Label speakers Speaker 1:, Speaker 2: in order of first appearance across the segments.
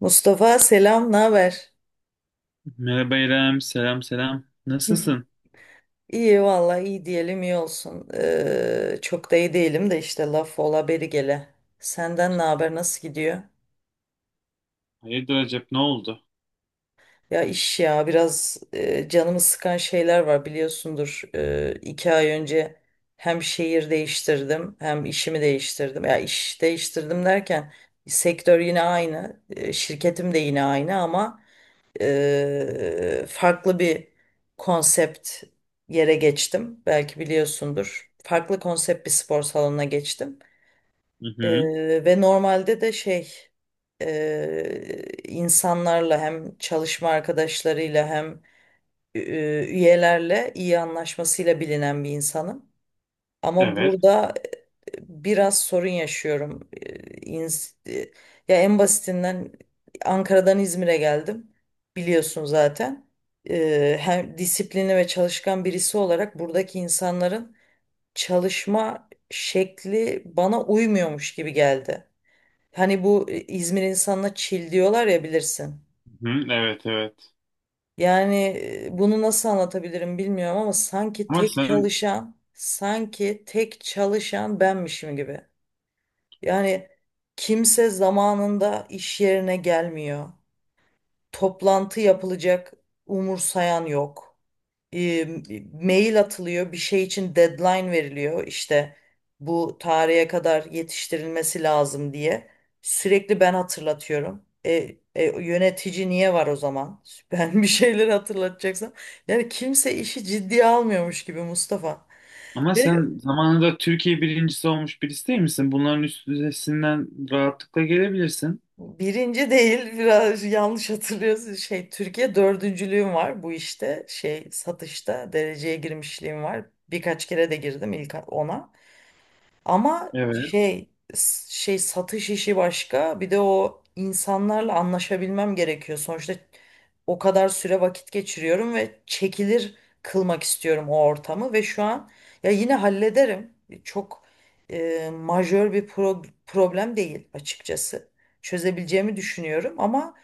Speaker 1: Mustafa, selam, ne haber?
Speaker 2: Merhaba İrem, selam selam. Nasılsın?
Speaker 1: İyi valla, iyi diyelim, iyi olsun. Çok da iyi değilim de işte, laf ola beri gele. Senden ne haber, nasıl gidiyor?
Speaker 2: Hayırdır Recep, ne oldu?
Speaker 1: Ya iş ya biraz canımı sıkan şeyler var, biliyorsundur. 2 ay önce hem şehir değiştirdim hem işimi değiştirdim. Ya iş değiştirdim derken sektör yine aynı, şirketim de yine aynı ama farklı bir konsept yere geçtim. Belki biliyorsundur. Farklı konsept bir spor salonuna geçtim.
Speaker 2: Hı hı.
Speaker 1: Ve normalde de insanlarla, hem çalışma arkadaşlarıyla hem e, üyelerle iyi anlaşmasıyla bilinen bir insanım. Ama
Speaker 2: Evet,
Speaker 1: burada biraz sorun yaşıyorum. İns- e, Ya en basitinden Ankara'dan İzmir'e geldim. Biliyorsun zaten. Hem disiplinli ve çalışkan birisi olarak buradaki insanların çalışma şekli bana uymuyormuş gibi geldi. Hani bu İzmir insanına çil diyorlar ya, bilirsin.
Speaker 2: hı hı, evet, evet.
Speaker 1: Yani bunu nasıl anlatabilirim bilmiyorum ama sanki
Speaker 2: Ama
Speaker 1: tek
Speaker 2: sen
Speaker 1: çalışan, sanki tek çalışan benmişim gibi. Yani kimse zamanında iş yerine gelmiyor. Toplantı yapılacak, umursayan yok. E, Mail atılıyor, bir şey için deadline veriliyor. İşte bu tarihe kadar yetiştirilmesi lazım diye. Sürekli ben hatırlatıyorum. Yönetici niye var o zaman? Ben bir şeyleri hatırlatacaksam. Yani kimse işi ciddiye almıyormuş gibi, Mustafa.
Speaker 2: ama
Speaker 1: Ve
Speaker 2: sen zamanında Türkiye birincisi olmuş birisi değil misin? Bunların üstesinden rahatlıkla gelebilirsin.
Speaker 1: birinci değil, biraz yanlış hatırlıyorsun, Türkiye dördüncülüğüm var, bu işte, satışta dereceye girmişliğim var, birkaç kere de girdim ilk ona, ama
Speaker 2: Evet,
Speaker 1: satış işi başka, bir de o insanlarla anlaşabilmem gerekiyor. Sonuçta o kadar süre vakit geçiriyorum ve çekilir kılmak istiyorum o ortamı, ve şu an ya yine hallederim. Çok majör bir problem değil açıkçası. Çözebileceğimi düşünüyorum ama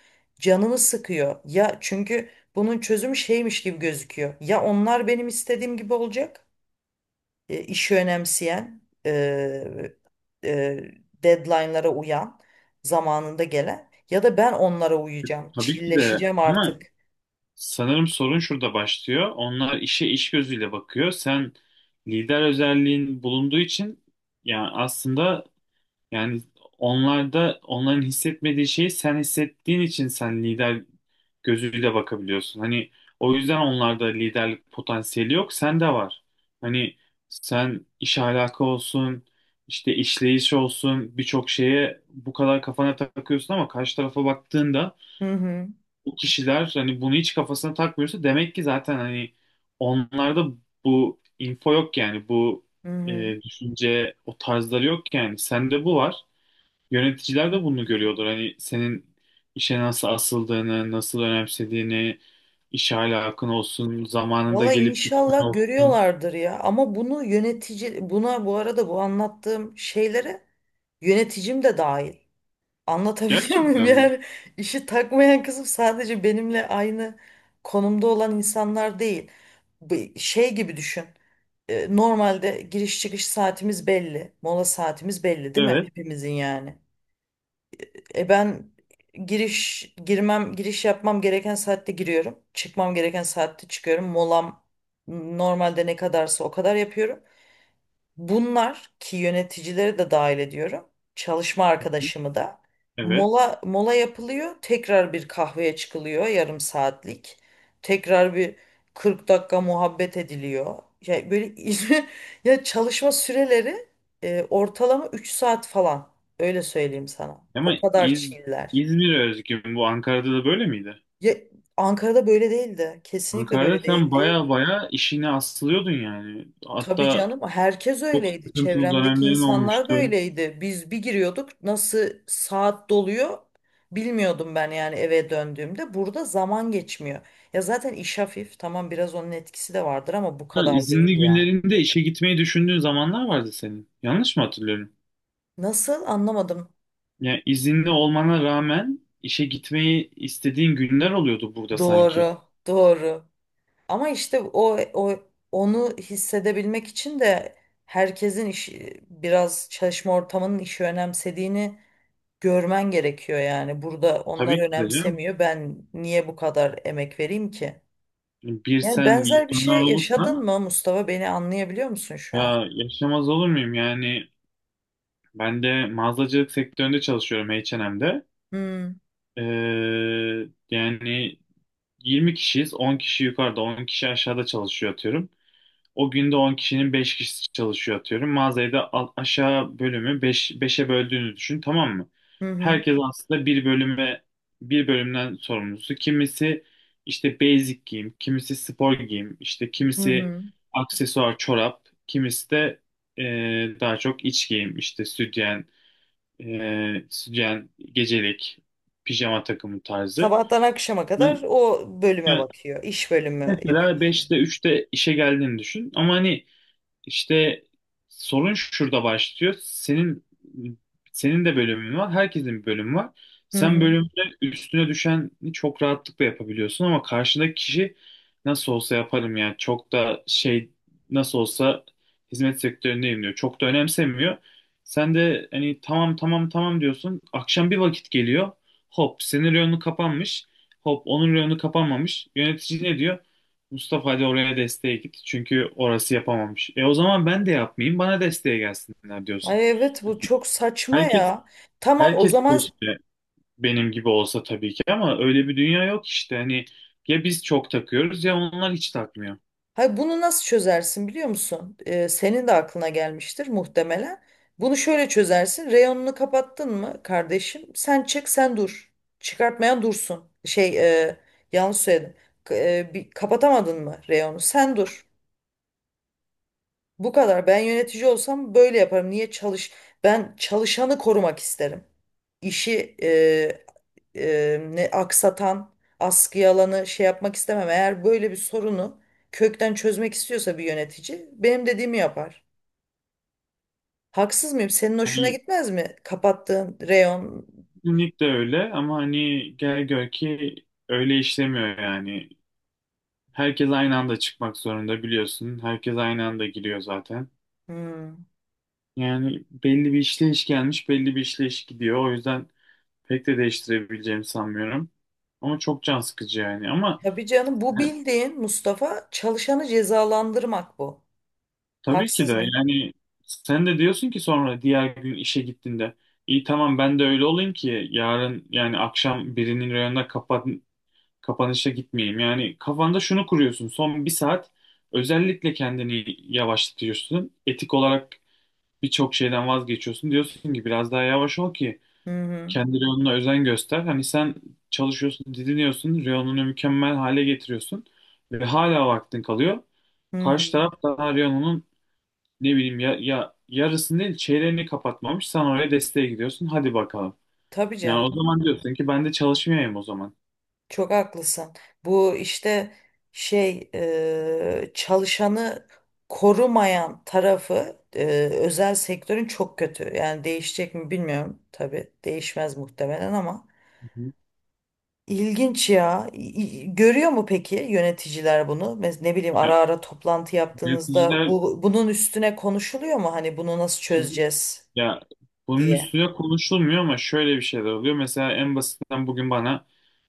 Speaker 1: canımı sıkıyor. Ya çünkü bunun çözümü şeymiş gibi gözüküyor. Ya onlar benim istediğim gibi olacak, işi önemseyen, e, deadline'lara uyan, zamanında gelen, ya da ben onlara uyacağım,
Speaker 2: tabii ki de.
Speaker 1: çilleşeceğim
Speaker 2: Ama
Speaker 1: artık.
Speaker 2: sanırım sorun şurada başlıyor. Onlar işe iş gözüyle bakıyor. Sen lider özelliğin bulunduğu için yani aslında yani onlarda onların hissetmediği şeyi sen hissettiğin için sen lider gözüyle bakabiliyorsun. Hani o yüzden onlarda liderlik potansiyeli yok, sende var. Hani sen iş ahlakı olsun, işte işleyiş olsun birçok şeye bu kadar kafana takıyorsun ama karşı tarafa baktığında
Speaker 1: Hı hı,
Speaker 2: bu kişiler hani bunu hiç kafasına takmıyorsa demek ki zaten hani onlarda bu info yok yani bu
Speaker 1: hı hı.
Speaker 2: düşünce o tarzları yok yani sende bu var. Yöneticiler de bunu
Speaker 1: Hı.
Speaker 2: görüyordur. Hani senin işe nasıl asıldığını, nasıl önemsediğini, iş ahlakın olsun, zamanında
Speaker 1: Valla
Speaker 2: gelip gitmen
Speaker 1: inşallah
Speaker 2: olsun.
Speaker 1: görüyorlardır ya, ama bunu yönetici, buna, bu arada, bu anlattığım şeylere yöneticim de dahil. Anlatabiliyor muyum?
Speaker 2: Gerçekten mi?
Speaker 1: Yani işi takmayan kızım sadece benimle aynı konumda olan insanlar değil. Bir şey gibi düşün. Normalde giriş çıkış saatimiz belli. Mola saatimiz belli, değil mi?
Speaker 2: Evet.
Speaker 1: Hepimizin yani. Ben giriş yapmam gereken saatte giriyorum. Çıkmam gereken saatte çıkıyorum. Molam normalde ne kadarsa o kadar yapıyorum. Bunlar ki yöneticileri de dahil ediyorum. Çalışma arkadaşımı da.
Speaker 2: Evet.
Speaker 1: Mola mola yapılıyor. Tekrar bir kahveye çıkılıyor, yarım saatlik. Tekrar bir 40 dakika muhabbet ediliyor. Ya böyle ya çalışma süreleri ortalama 3 saat falan. Öyle söyleyeyim sana.
Speaker 2: Ama
Speaker 1: O kadar
Speaker 2: İz
Speaker 1: çiller.
Speaker 2: İzmir'e özgü mü bu, Ankara'da da böyle miydi?
Speaker 1: Ya Ankara'da böyle değildi. Kesinlikle
Speaker 2: Ankara'da
Speaker 1: böyle
Speaker 2: sen
Speaker 1: değildi.
Speaker 2: baya baya işine asılıyordun yani.
Speaker 1: Tabii
Speaker 2: Hatta
Speaker 1: canım, herkes
Speaker 2: çok
Speaker 1: öyleydi.
Speaker 2: sıkıntılı
Speaker 1: Çevremdeki
Speaker 2: dönemlerin
Speaker 1: insanlar da
Speaker 2: olmuştu.
Speaker 1: öyleydi. Biz bir giriyorduk, nasıl saat doluyor bilmiyordum ben yani eve döndüğümde. Burada zaman geçmiyor. Ya zaten iş hafif, tamam, biraz onun etkisi de vardır ama bu
Speaker 2: Hatta
Speaker 1: kadar değil
Speaker 2: izinli
Speaker 1: ya.
Speaker 2: günlerinde işe gitmeyi düşündüğün zamanlar vardı senin. Yanlış mı hatırlıyorum?
Speaker 1: Nasıl, anlamadım.
Speaker 2: Yani izinli olmana rağmen işe gitmeyi istediğin günler oluyordu burada sanki.
Speaker 1: Doğru, doğru. Ama işte o, o onu hissedebilmek için de herkesin işi, biraz çalışma ortamının işi önemsediğini görmen gerekiyor yani. Burada onlar
Speaker 2: Tabii ki de canım.
Speaker 1: önemsemiyor. Ben niye bu kadar emek vereyim ki?
Speaker 2: Bir
Speaker 1: Yani
Speaker 2: sen
Speaker 1: benzer bir
Speaker 2: yetmeler
Speaker 1: şey yaşadın
Speaker 2: olursan
Speaker 1: mı Mustafa? Beni anlayabiliyor musun şu an?
Speaker 2: ya yaşamaz olur muyum? Yani ben de mağazacılık sektöründe çalışıyorum H&M'de.
Speaker 1: Hmm.
Speaker 2: Ee, yani 20 kişiyiz. 10 kişi yukarıda, 10 kişi aşağıda çalışıyor atıyorum. O günde 10 kişinin 5 kişisi çalışıyor atıyorum. Mağazayı da aşağı bölümü 5, 5'e böldüğünü düşün, tamam mı?
Speaker 1: Hı hı.
Speaker 2: Herkes aslında bir bölümden sorumlusu. Kimisi işte basic giyim, kimisi spor giyim, işte
Speaker 1: Hı
Speaker 2: kimisi
Speaker 1: hı.
Speaker 2: aksesuar çorap, kimisi de e, daha çok iç giyim, işte sütyen, sütyen, gecelik, pijama takımı tarzı.
Speaker 1: Sabahtan akşama kadar
Speaker 2: Yani,
Speaker 1: o bölüme
Speaker 2: yani
Speaker 1: bakıyor. İş bölümü
Speaker 2: mesela
Speaker 1: yapıyorsun.
Speaker 2: beşte üçte işe geldiğini düşün ama hani işte sorun şurada başlıyor. Senin de bölümün var, herkesin bir bölümü var.
Speaker 1: Hı
Speaker 2: Sen
Speaker 1: hı.
Speaker 2: bölümde üstüne düşeni çok rahatlıkla yapabiliyorsun ama karşındaki kişi nasıl olsa yaparım yani çok da şey, nasıl olsa hizmet sektöründeyim diyor. Çok da önemsemiyor. Sen de hani tamam tamam tamam diyorsun. Akşam bir vakit geliyor. Hop senin reyonu kapanmış. Hop onun reyonu kapanmamış. Yönetici ne diyor? Mustafa hadi oraya desteğe git. Çünkü orası yapamamış. E o zaman ben de yapmayayım. Bana desteğe gelsinler diyorsun.
Speaker 1: Ay evet, bu çok saçma
Speaker 2: Herkes
Speaker 1: ya. Tamam, o
Speaker 2: herkes
Speaker 1: zaman.
Speaker 2: keşke benim gibi olsa tabii ki ama öyle bir dünya yok işte. Hani ya biz çok takıyoruz ya onlar hiç takmıyor.
Speaker 1: Hayır, bunu nasıl çözersin biliyor musun? Senin de aklına gelmiştir muhtemelen. Bunu şöyle çözersin. Reyonunu kapattın mı kardeşim? Sen çık, sen dur. Çıkartmayan dursun. Yanlış söyledim. Bir, kapatamadın mı reyonu? Sen dur. Bu kadar. Ben yönetici olsam böyle yaparım. Niye çalış? Ben çalışanı korumak isterim. İşi ne aksatan, askıya alanı şey yapmak istemem. Eğer böyle bir sorunu kökten çözmek istiyorsa bir yönetici benim dediğimi yapar. Haksız mıyım? Senin hoşuna
Speaker 2: Hani
Speaker 1: gitmez mi? Kapattığın reyon.
Speaker 2: kesinlikle öyle ama hani gel gör ki öyle işlemiyor yani. Herkes aynı anda çıkmak zorunda biliyorsun. Herkes aynı anda giriyor zaten.
Speaker 1: Hmm.
Speaker 2: Yani belli bir işleyiş gelmiş, belli bir işleyiş gidiyor. O yüzden pek de değiştirebileceğimi sanmıyorum. Ama çok can sıkıcı yani. Ama
Speaker 1: Tabii canım, bu bildiğin, Mustafa, çalışanı cezalandırmak bu.
Speaker 2: tabii ki
Speaker 1: Haksız
Speaker 2: de
Speaker 1: mıyım?
Speaker 2: yani sen de diyorsun ki sonra diğer gün işe gittiğinde iyi tamam ben de öyle olayım ki yarın yani akşam birinin reyonuna kapanışa gitmeyeyim. Yani kafanda şunu kuruyorsun son bir saat özellikle kendini yavaşlatıyorsun. Etik olarak birçok şeyden vazgeçiyorsun. Diyorsun ki biraz daha yavaş ol ki
Speaker 1: Hı hı.
Speaker 2: kendi reyonuna özen göster. Hani sen çalışıyorsun, didiniyorsun, reyonunu mükemmel hale getiriyorsun ve hala vaktin kalıyor.
Speaker 1: Hı
Speaker 2: Karşı
Speaker 1: hı.
Speaker 2: taraf daha reyonunun ne bileyim ya, yarısını değil çeyreğini kapatmamış. Sen oraya desteğe gidiyorsun. Hadi bakalım.
Speaker 1: Tabii
Speaker 2: Yani o
Speaker 1: canım.
Speaker 2: zaman diyorsun ki ben de çalışmayayım o zaman.
Speaker 1: Çok haklısın. Bu işte çalışanı korumayan tarafı, özel sektörün, çok kötü. Yani değişecek mi bilmiyorum. Tabii değişmez muhtemelen ama
Speaker 2: Hı hı.
Speaker 1: ilginç ya. Görüyor mu peki yöneticiler bunu? Ne bileyim,
Speaker 2: Ya,
Speaker 1: ara ara toplantı yaptığınızda
Speaker 2: yöneticiler,
Speaker 1: bunun üstüne konuşuluyor mu? Hani bunu nasıl çözeceğiz
Speaker 2: ya bunun
Speaker 1: diye.
Speaker 2: üstüne konuşulmuyor ama şöyle bir şeyler oluyor. Mesela en basitinden bugün bana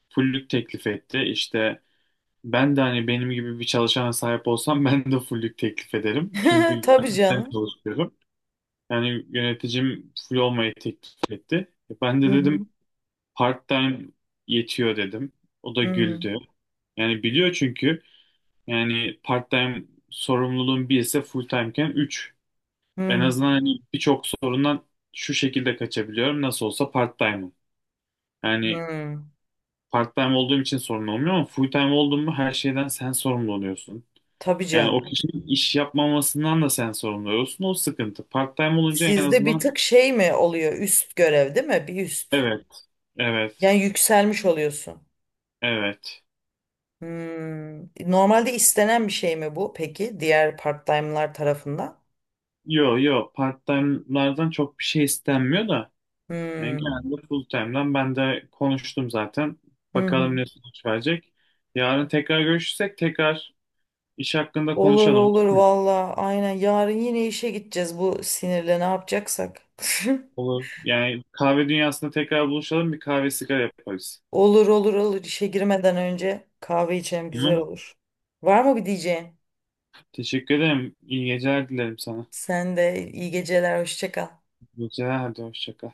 Speaker 2: fullük teklif etti. İşte ben de hani benim gibi bir çalışana sahip olsam ben de full'lük teklif ederim. Çünkü
Speaker 1: Tabii
Speaker 2: gerçekten
Speaker 1: canım.
Speaker 2: çalışıyorum. Yani yöneticim full olmayı teklif etti. Ben
Speaker 1: Hı
Speaker 2: de
Speaker 1: hı.
Speaker 2: dedim part-time yetiyor dedim. O da
Speaker 1: Hı hı.
Speaker 2: güldü. Yani biliyor çünkü yani part-time sorumluluğun bir ise full-time'ken 3. En
Speaker 1: Hı
Speaker 2: azından hani birçok sorundan şu şekilde kaçabiliyorum. Nasıl olsa part-time'ım.
Speaker 1: hı.
Speaker 2: Yani
Speaker 1: Hı.
Speaker 2: part-time olduğum için sorun olmuyor ama full-time olduğum mu her şeyden sen sorumlu oluyorsun.
Speaker 1: Tabii
Speaker 2: Yani o
Speaker 1: canım.
Speaker 2: kişinin iş yapmamasından da sen sorumlu olsun. O sıkıntı. Part-time olunca en
Speaker 1: Sizde bir
Speaker 2: azından
Speaker 1: tık şey mi oluyor? Üst görev değil mi? Bir üst.
Speaker 2: evet, evet,
Speaker 1: Yani yükselmiş oluyorsun.
Speaker 2: evet.
Speaker 1: Hmm. Normalde istenen bir şey mi bu peki? Diğer part-time'lar tarafından.
Speaker 2: Yo yo part-time'lardan çok bir şey istenmiyor da. Yani
Speaker 1: Hmm.
Speaker 2: genelde full-time'dan ben de konuştum zaten.
Speaker 1: Hı hı.
Speaker 2: Bakalım ne sonuç verecek. Yarın tekrar görüşürsek tekrar iş hakkında
Speaker 1: Olur
Speaker 2: konuşalım.
Speaker 1: olur valla. Aynen yarın yine işe gideceğiz bu sinirle, ne yapacaksak.
Speaker 2: Olur. Yani kahve dünyasında tekrar buluşalım. Bir kahve sigara yaparız.
Speaker 1: Olur olur olur, işe girmeden önce kahve içelim, güzel
Speaker 2: Tamam.
Speaker 1: olur. Var mı bir diyeceğin?
Speaker 2: Teşekkür ederim. İyi geceler dilerim sana.
Speaker 1: Sen de iyi geceler, hoşça kal.
Speaker 2: İyi geceler. Hadi hoşça kal.